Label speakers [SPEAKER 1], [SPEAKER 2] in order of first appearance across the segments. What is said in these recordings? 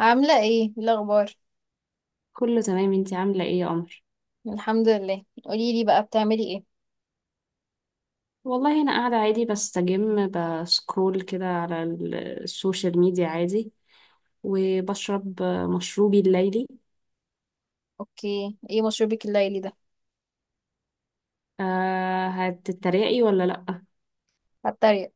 [SPEAKER 1] عاملة إيه الأخبار؟
[SPEAKER 2] كله تمام، انتي عاملة ايه يا قمر؟
[SPEAKER 1] الحمد لله، قولي لي بقى بتعملي ايه؟
[SPEAKER 2] والله انا قاعدة عادي بستجم بسكرول كده على السوشيال ميديا عادي، وبشرب مشروبي الليلي.
[SPEAKER 1] اوكي، ايه مشروبك الليلي ده؟
[SPEAKER 2] أه، هتتريقي ولا لأ؟
[SPEAKER 1] هتريق.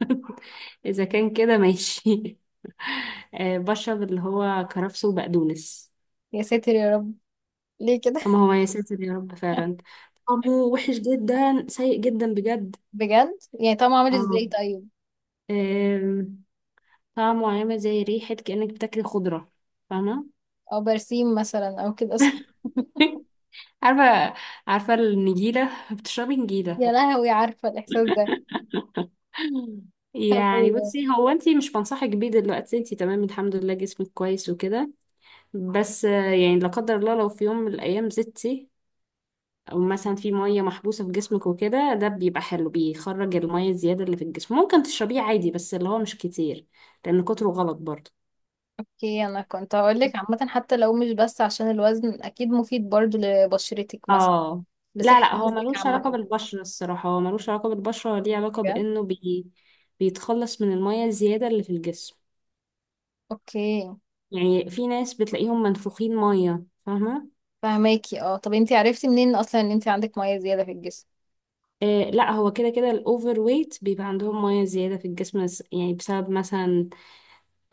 [SPEAKER 2] اذا كان كده ماشي. أه، بشرب اللي هو كرفس وبقدونس.
[SPEAKER 1] يا ساتر يا رب. ليه كده؟
[SPEAKER 2] اما هو يا ساتر يا رب فعلا، طعمه وحش جدا، سيء جدا بجد.
[SPEAKER 1] بجد؟ يعني طعمه عامل
[SPEAKER 2] اه،
[SPEAKER 1] ازاي طيب؟
[SPEAKER 2] آم، طعمه عامل زي ريحة، كأنك بتاكلي خضرة، فاهمة؟
[SPEAKER 1] او برسيم مثلا او كده، صح؟
[SPEAKER 2] عارفة عارفة، النجيلة، بتشربي
[SPEAKER 1] يا
[SPEAKER 2] نجيلة.
[SPEAKER 1] لهوي، عارفة الإحساس ده. طب.
[SPEAKER 2] يعني بصي، هو انتي مش بنصحك بيه دلوقتي، انتي تمام الحمد لله، جسمك كويس وكده. بس يعني لا قدر الله، لو في يوم من الايام زدتي، او مثلا في مية محبوسة في جسمك وكده، ده بيبقى حلو، بيخرج المية الزيادة اللي في الجسم. ممكن تشربيه عادي بس اللي هو مش كتير، لان كتره غلط برضه.
[SPEAKER 1] اوكي انا كنت هقولك عامة، حتى لو مش بس عشان الوزن، اكيد مفيد برضو لبشرتك مثلا،
[SPEAKER 2] اه، لا
[SPEAKER 1] لصحة
[SPEAKER 2] لا، هو
[SPEAKER 1] جسمك
[SPEAKER 2] ملوش علاقة
[SPEAKER 1] عامة.
[SPEAKER 2] بالبشرة، الصراحة هو ملوش علاقة بالبشرة، هو ليه علاقة
[SPEAKER 1] بجد؟
[SPEAKER 2] بانه بيتخلص من المية الزيادة اللي في الجسم.
[SPEAKER 1] اوكي.
[SPEAKER 2] يعني في ناس بتلاقيهم منفوخين ميه، فاهمه؟
[SPEAKER 1] فهماكي اه. طب انتي عرفتي منين اصلا ان انتي عندك مية زيادة في الجسم؟
[SPEAKER 2] آه، لا هو كده كده الاوفر ويت بيبقى عندهم ميه زياده في الجسم، يعني بسبب مثلا،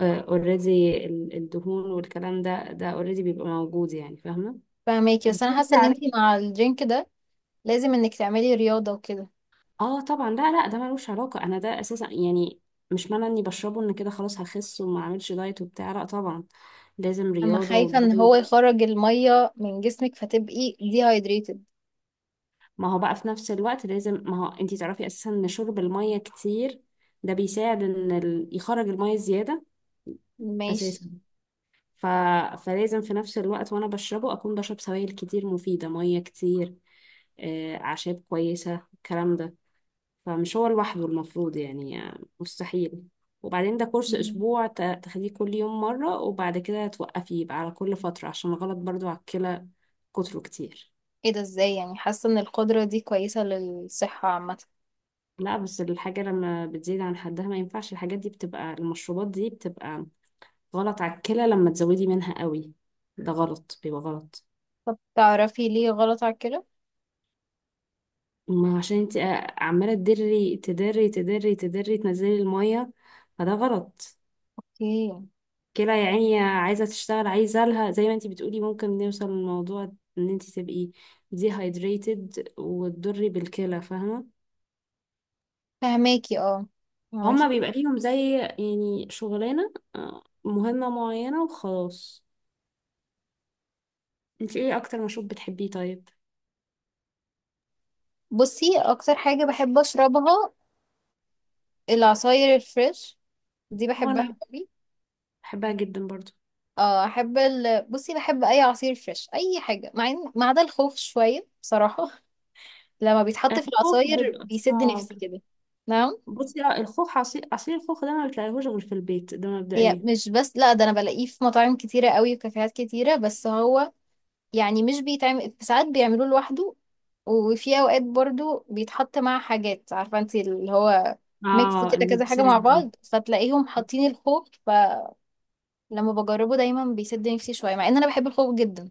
[SPEAKER 2] اوريدي، الدهون والكلام ده اوريدي بيبقى موجود، يعني فاهمه.
[SPEAKER 1] فاهماكي، بس انا
[SPEAKER 2] وبتمشي
[SPEAKER 1] حاسه ان انتي
[SPEAKER 2] عليه.
[SPEAKER 1] مع الدرينك ده لازم انك تعملي رياضه وكده.
[SPEAKER 2] اه طبعا، لا لا، ده ملوش علاقه، انا ده اساسا يعني، مش معنى اني بشربه ان كده خلاص هخس وما اعملش دايت وبتاع، لا طبعا. لازم
[SPEAKER 1] انا
[SPEAKER 2] رياضه
[SPEAKER 1] خايفه ان هو
[SPEAKER 2] ودايت.
[SPEAKER 1] يخرج الميه من جسمك فتبقي dehydrated.
[SPEAKER 2] ما هو بقى في نفس الوقت لازم، ما هو انتي تعرفي اساسا ان شرب المية كتير ده بيساعد ان يخرج المية زيادة
[SPEAKER 1] ماشي.
[SPEAKER 2] اساسا. ف... فلازم في نفس الوقت وانا بشربه اكون بشرب سوائل كتير مفيدة، مية كتير، اعشاب كويسة، الكلام ده. فمش هو لوحده المفروض، يعني مستحيل. وبعدين ده كورس
[SPEAKER 1] مم.
[SPEAKER 2] اسبوع، تاخديه كل يوم مرة، وبعد كده توقفيه، يبقى على كل فترة عشان غلط برضو على الكلى. كتره كتير.
[SPEAKER 1] ايه ده ازاي؟ يعني حاسه ان القدره دي كويسه للصحه عامه.
[SPEAKER 2] لا بس الحاجة لما بتزيد عن حدها ما ينفعش، الحاجات دي بتبقى، المشروبات دي بتبقى غلط على الكلى لما تزودي منها قوي. ده غلط، بيبقى غلط.
[SPEAKER 1] طب تعرفي ليه غلط على كده.
[SPEAKER 2] ما عشان انت عمالة تدري تدري تدري تدري تنزلي المية، فده غلط.
[SPEAKER 1] اوكي.
[SPEAKER 2] الكلى يا عيني عايزة تشتغل، عايزة لها زي ما انت بتقولي ممكن نوصل للموضوع ان انت تبقي ديهايدريتد وتضري بالكلى، فاهمة.
[SPEAKER 1] فهماكي اه.
[SPEAKER 2] هما
[SPEAKER 1] فهماكي جدا.
[SPEAKER 2] بيبقى ليهم زي يعني شغلانة مهمة معينة وخلاص. انت ايه اكتر مشروب بتحبيه طيب؟
[SPEAKER 1] بصي، اكتر حاجه بحب اشربها العصاير الفريش، دي بحبها
[SPEAKER 2] وانا
[SPEAKER 1] قوي.
[SPEAKER 2] بحبها جدا برضو.
[SPEAKER 1] اه احب بصي، بحب اي عصير فريش، اي حاجه، مع ما عدا الخوخ شويه بصراحه. لما بيتحط في
[SPEAKER 2] الخوخ
[SPEAKER 1] العصاير
[SPEAKER 2] بيبقى
[SPEAKER 1] بيسد
[SPEAKER 2] صعب.
[SPEAKER 1] نفسي كده. نعم.
[SPEAKER 2] بصي، اه، الخوخ، عصير الخوخ ده ما بتلاقيهوش غير في البيت ده
[SPEAKER 1] هي
[SPEAKER 2] مبدئيا.
[SPEAKER 1] مش بس، لا ده انا بلاقيه في مطاعم كتيرة قوي وكافيهات كتيرة، بس هو يعني مش بيتعمل، في ساعات بيعملوه لوحده، وفي اوقات برضو بيتحط مع حاجات، عارفة انت اللي هو ميكس
[SPEAKER 2] اه،
[SPEAKER 1] كده، كذا حاجة
[SPEAKER 2] المكسرات
[SPEAKER 1] مع
[SPEAKER 2] دي.
[SPEAKER 1] بعض، فتلاقيهم حاطين الخوخ، فلما بجربه دايما بيسد نفسي شوية، مع ان انا بحب الخوخ جدا.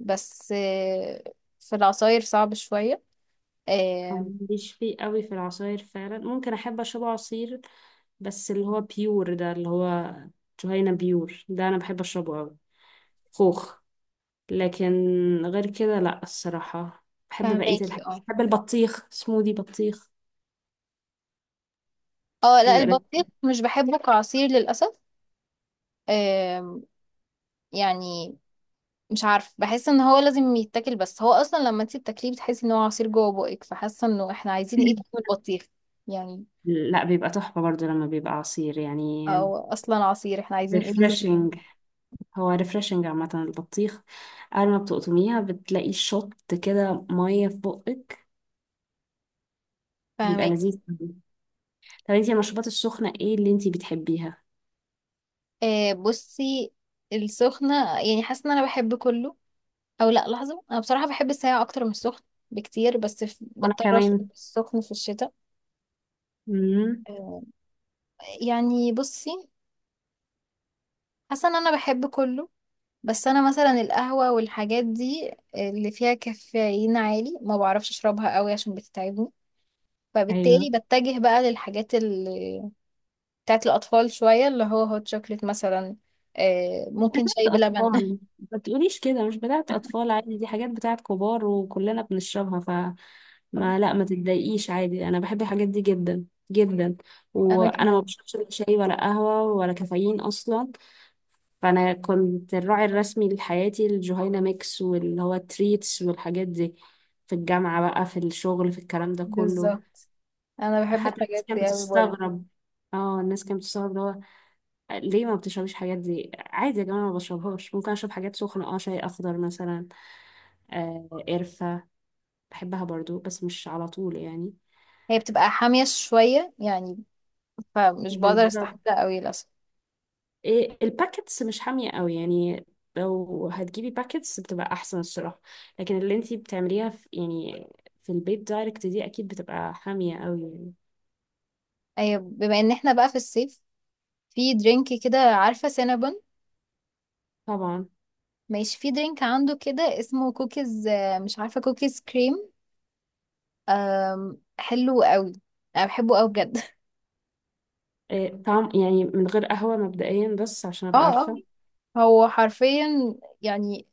[SPEAKER 1] بس في العصاير صعب شوية.
[SPEAKER 2] أنا
[SPEAKER 1] آه،
[SPEAKER 2] ماليش فيه قوي في العصاير فعلا، ممكن احب اشرب عصير، بس اللي هو بيور ده، اللي هو جهينة بيور ده انا بحب اشربه قوي. خوخ. لكن غير كده، لا الصراحة بحب بقية
[SPEAKER 1] فهماكي
[SPEAKER 2] الحاجات،
[SPEAKER 1] اه.
[SPEAKER 2] بحب البطيخ، سموذي بطيخ،
[SPEAKER 1] اه لا،
[SPEAKER 2] بيبقى لذيذ.
[SPEAKER 1] البطيخ مش بحبه كعصير للأسف. آم، يعني مش عارف، بحس ان هو لازم يتاكل، بس هو اصلا لما انت بتاكليه بتحسي ان هو عصير جوه بقك، فحاسه انه احنا عايزين ايه تاني من البطيخ؟ يعني
[SPEAKER 2] لا بيبقى تحفة برضو لما بيبقى عصير يعني.
[SPEAKER 1] او اصلا عصير، احنا عايزين ايه منه تاني؟
[SPEAKER 2] ريفرشنج. هو ريفرشنج عامة البطيخ، أول ما بتقطميها بتلاقي شط كده مية في بقك، بيبقى
[SPEAKER 1] فاهمك.
[SPEAKER 2] لذيذ أوي. طب انتي المشروبات السخنة ايه اللي انتي بتحبيها؟
[SPEAKER 1] بصي، السخنه يعني حاسه ان انا بحب كله، او لا لحظه، انا بصراحه بحب الساقع اكتر من السخن بكتير، بس
[SPEAKER 2] وأنا
[SPEAKER 1] بضطر اشرب
[SPEAKER 2] كمان.
[SPEAKER 1] السخن في الشتاء.
[SPEAKER 2] مم.
[SPEAKER 1] آه، يعني بصي حاسه ان انا بحب كله، بس انا مثلا القهوة والحاجات دي اللي فيها كافيين عالي ما بعرفش اشربها قوي عشان بتتعبني،
[SPEAKER 2] أيوه.
[SPEAKER 1] فبالتالي بتجه بقى للحاجات اللي بتاعت الاطفال شوية، اللي هو هوت شوكليت مثلا، ممكن شاي
[SPEAKER 2] بتاعت
[SPEAKER 1] بلبن.
[SPEAKER 2] أطفال. ما تقوليش كده، مش بتاعت أطفال عادي، دي حاجات بتاعت كبار وكلنا بنشربها. ف ما، لا، ما تتضايقيش عادي، أنا بحب الحاجات دي جدا جدا.
[SPEAKER 1] انا
[SPEAKER 2] وأنا ما
[SPEAKER 1] كمان.
[SPEAKER 2] بشربش لا شاي ولا قهوة ولا كافيين أصلا. فأنا كنت الراعي الرسمي لحياتي الجهينة ميكس، واللي هو التريتس والحاجات دي، في الجامعة بقى، في الشغل، في الكلام ده كله.
[SPEAKER 1] بالظبط، انا بحب
[SPEAKER 2] حتى الناس
[SPEAKER 1] الحاجات
[SPEAKER 2] كانت
[SPEAKER 1] دي قوي برضه.
[SPEAKER 2] بتستغرب. اه، الناس كانت بتستغرب ليه ما بتشربيش الحاجات دي عادي؟ يا جماعة ما بشربهاش، ممكن اشرب حاجات سخنة، اه شاي اخضر مثلا، آه قرفة، بحبها برضو بس مش على طول يعني.
[SPEAKER 1] هي بتبقى حامية شوية يعني، فمش بقدر
[SPEAKER 2] بالظبط.
[SPEAKER 1] استحملها قوي للاسف.
[SPEAKER 2] إيه الباكتس مش حامية قوي يعني، لو هتجيبي باكتس بتبقى احسن الصراحة، لكن اللي انتي بتعمليها في، يعني في البيت دايركت، دي اكيد بتبقى حامية قوي يعني.
[SPEAKER 1] أيوة، بما ان احنا بقى في الصيف، في درينك كده، عارفة سينابون؟
[SPEAKER 2] طبعا.
[SPEAKER 1] ماشي، في درينك عنده كده اسمه كوكيز، مش عارفة، كوكيز كريم. حلو قوي، انا بحبه قوي بجد.
[SPEAKER 2] إيه طعم يعني من غير قهوة مبدئيا، بس عشان ابقى
[SPEAKER 1] اه. اه
[SPEAKER 2] عارفة.
[SPEAKER 1] هو حرفيا يعني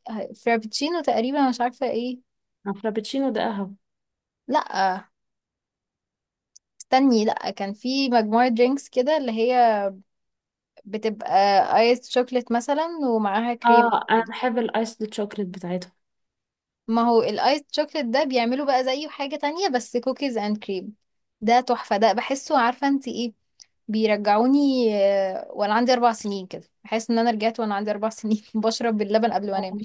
[SPEAKER 1] فرابتشينو تقريبا، مش عارفة ايه.
[SPEAKER 2] الفرابتشينو ده قهوة.
[SPEAKER 1] لا استني، لا كان في مجموعة درينكس كده اللي هي بتبقى ايس شوكليت مثلا، ومعاها كريم
[SPEAKER 2] اه، انا
[SPEAKER 1] كده.
[SPEAKER 2] بحب الايس الشوكليت بتاعتهم.
[SPEAKER 1] ما هو الايس شوكليت ده بيعملوا بقى زيه حاجة تانية، بس كوكيز اند كريم ده تحفة، ده بحسه، عارفة انت ايه؟ بيرجعوني، وانا عندي 4 سنين كده، بحس ان انا رجعت وانا عندي اربع سنين بشرب اللبن قبل ما انام.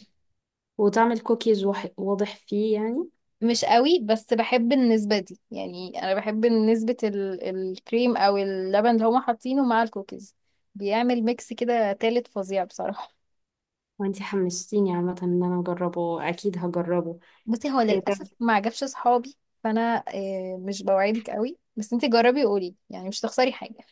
[SPEAKER 2] وتعمل كوكيز، واضح فيه يعني.
[SPEAKER 1] مش قوي، بس بحب النسبة دي، يعني انا بحب نسبة الكريم او اللبن اللي هما حاطينه مع الكوكيز، بيعمل ميكس كده تالت فظيع بصراحة.
[SPEAKER 2] وانتي حمستيني عامة ان انا اجربه، اكيد هجربه.
[SPEAKER 1] بصي هو
[SPEAKER 2] ايه ده؟
[SPEAKER 1] للأسف ما عجبش صحابي، فانا مش بوعدك قوي، بس انتي جربي وقولي، يعني مش تخسري حاجة.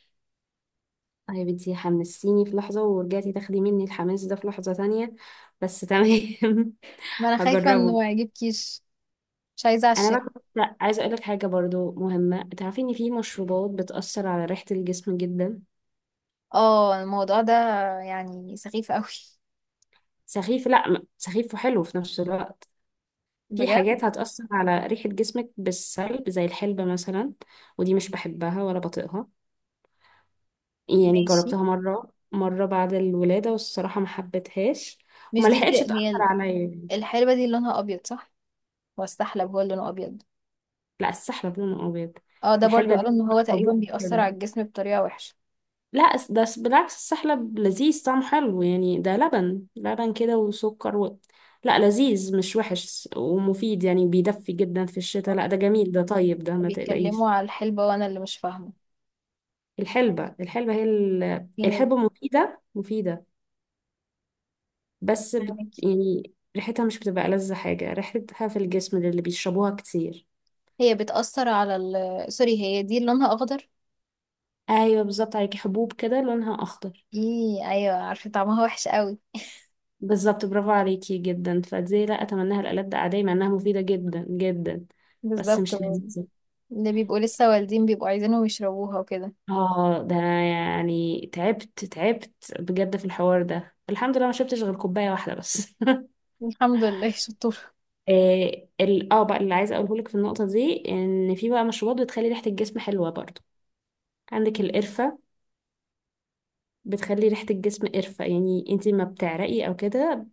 [SPEAKER 2] طيب، انتي حمستيني في لحظة، ورجعتي تاخدي مني الحماس ده في لحظة تانية، بس تمام.
[SPEAKER 1] ما انا خايفة انه
[SPEAKER 2] هجربه.
[SPEAKER 1] ما يعجبكيش، مش عايزة
[SPEAKER 2] انا بقى
[SPEAKER 1] اعشمك.
[SPEAKER 2] كنت عايزة اقولك حاجة برضو مهمة، تعرفي ان في مشروبات بتأثر على ريحة الجسم جدا.
[SPEAKER 1] اه، الموضوع ده يعني سخيف قوي.
[SPEAKER 2] سخيف، لا، سخيف وحلو في نفس الوقت. في
[SPEAKER 1] بجد.
[SPEAKER 2] حاجات هتأثر على ريحة جسمك بالسلب، زي الحلبة مثلا، ودي مش بحبها ولا بطيقها. يعني
[SPEAKER 1] ماشي.
[SPEAKER 2] جربتها مرة مرة بعد الولادة، والصراحة ما حبيتهاش
[SPEAKER 1] مش
[SPEAKER 2] وما
[SPEAKER 1] دي
[SPEAKER 2] لحقتش
[SPEAKER 1] اللي
[SPEAKER 2] تأثر
[SPEAKER 1] هي
[SPEAKER 2] عليا يعني.
[SPEAKER 1] الحلبة دي اللي لونها أبيض، صح؟ واستحلب هو اللي لونه أبيض.
[SPEAKER 2] لا، السحلب لونه أبيض.
[SPEAKER 1] اه ده برضو
[SPEAKER 2] الحلبة
[SPEAKER 1] قالوا
[SPEAKER 2] دي
[SPEAKER 1] إن هو تقريبا
[SPEAKER 2] حبوب
[SPEAKER 1] بيأثر
[SPEAKER 2] كده.
[SPEAKER 1] على الجسم بطريقة وحشة.
[SPEAKER 2] لا، بالعكس، السحلب لذيذ طعمه حلو يعني، ده لبن لبن كده وسكر. لا لذيذ، مش وحش ومفيد يعني، بيدفي جدا في الشتاء،
[SPEAKER 1] آه.
[SPEAKER 2] لا ده جميل، ده طيب، ده ما
[SPEAKER 1] بيتكلموا
[SPEAKER 2] تقلقيش.
[SPEAKER 1] على الحلبة وأنا اللي مش فاهمة.
[SPEAKER 2] الحلبة هي
[SPEAKER 1] هي.
[SPEAKER 2] الحلبة مفيدة مفيدة. بس
[SPEAKER 1] فاهمك.
[SPEAKER 2] يعني ريحتها مش بتبقى ألذ حاجة، ريحتها في الجسم للي بيشربوها كتير.
[SPEAKER 1] هي بتأثر على سوري، هي دي اللي لونها أخضر؟
[SPEAKER 2] أيوة بالظبط عليكي، حبوب كده لونها أخضر.
[SPEAKER 1] ايه، أيوة عارفة طعمها وحش قوي.
[SPEAKER 2] بالظبط، برافو عليكي جدا، فدي لا أتمناها لألد أعدائي، مع إنها مفيدة جدا جدا، بس
[SPEAKER 1] بالظبط.
[SPEAKER 2] مش لذيذة.
[SPEAKER 1] اللي بيبقوا لسه والدين بيبقوا عايزينهم يشربوها وكده.
[SPEAKER 2] اه، ده أنا يعني تعبت تعبت بجد في الحوار ده، الحمد لله ما شربتش غير كوباية واحدة بس.
[SPEAKER 1] الحمد لله شطور
[SPEAKER 2] آه، ال اه بقى اللي عايزه اقوله لك في النقطه دي، ان في بقى مشروبات بتخلي ريحه الجسم حلوه برضو. عندك القرفه، بتخلي ريحة الجسم قرفة، يعني انتي ما بتعرقي او كده،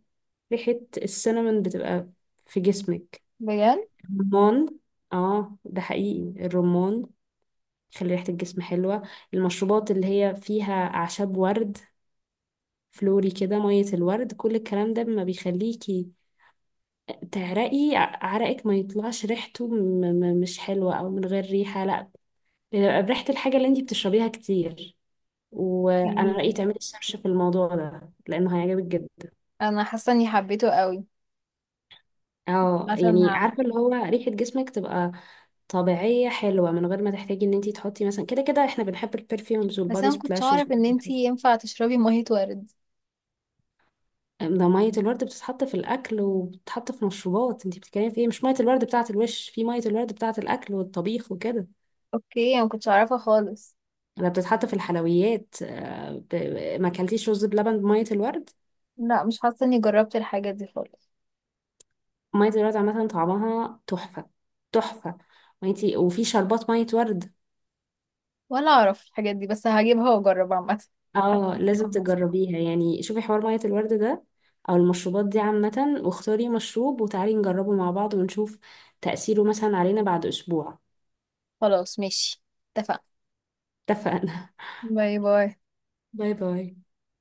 [SPEAKER 2] ريحة السينامون بتبقى في جسمك.
[SPEAKER 1] بجد.
[SPEAKER 2] الرمان، اه ده حقيقي، الرمان بيخلي ريحة الجسم حلوة. المشروبات اللي هي فيها أعشاب، ورد، فلوري كده، مية الورد، كل الكلام ده ما بيخليكي تعرقي، عرقك ما يطلعش ريحته مش حلوة، أو من غير ريحة، لا، بيبقى بريحة الحاجة اللي انتي بتشربيها كتير. وأنا رأيي
[SPEAKER 1] مم.
[SPEAKER 2] تعملي سيرش في الموضوع ده لأنه هيعجبك جدا.
[SPEAKER 1] أنا حاسة إني حبيته قوي،
[SPEAKER 2] اه،
[SPEAKER 1] مثلا
[SPEAKER 2] يعني
[SPEAKER 1] هعمل.
[SPEAKER 2] عارفة، اللي هو ريحة جسمك تبقى طبيعية حلوة من غير ما تحتاجي ان انتي تحطي مثلا، كده كده احنا بنحب البرفيومز
[SPEAKER 1] بس
[SPEAKER 2] والبادي
[SPEAKER 1] أنا مكنتش
[SPEAKER 2] سبلاشز
[SPEAKER 1] أعرف إن
[SPEAKER 2] وكل
[SPEAKER 1] انتي
[SPEAKER 2] حاجة.
[SPEAKER 1] ينفع تشربي مية ورد.
[SPEAKER 2] ده مية الورد بتتحط في الأكل وبتتحط في مشروبات، انتي بتتكلمي في ايه؟ مش مية الورد بتاعة الوش، في مية الورد بتاعة الأكل والطبيخ وكده،
[SPEAKER 1] اوكي، انا مكنتش اعرفها خالص.
[SPEAKER 2] ولا بتتحط في الحلويات. ما اكلتيش رز بلبن بمية الورد؟
[SPEAKER 1] لا مش حاسه اني جربت الحاجات دي خالص.
[SPEAKER 2] مية الورد عامة طعمها تحفة، تحفة. وانتي وفي شربات مية ورد.
[SPEAKER 1] ولا اعرف الحاجات دي، بس هجيبها واجرب عامه.
[SPEAKER 2] اه، لازم
[SPEAKER 1] متحمسه.
[SPEAKER 2] تجربيها يعني، شوفي حوار مية الورد ده، او المشروبات دي عامة، واختاري مشروب وتعالي نجربه مع بعض، ونشوف تأثيره مثلا علينا بعد اسبوع.
[SPEAKER 1] خلاص ماشي، اتفقنا.
[SPEAKER 2] اتفقنا.
[SPEAKER 1] باي باي.
[SPEAKER 2] باي باي.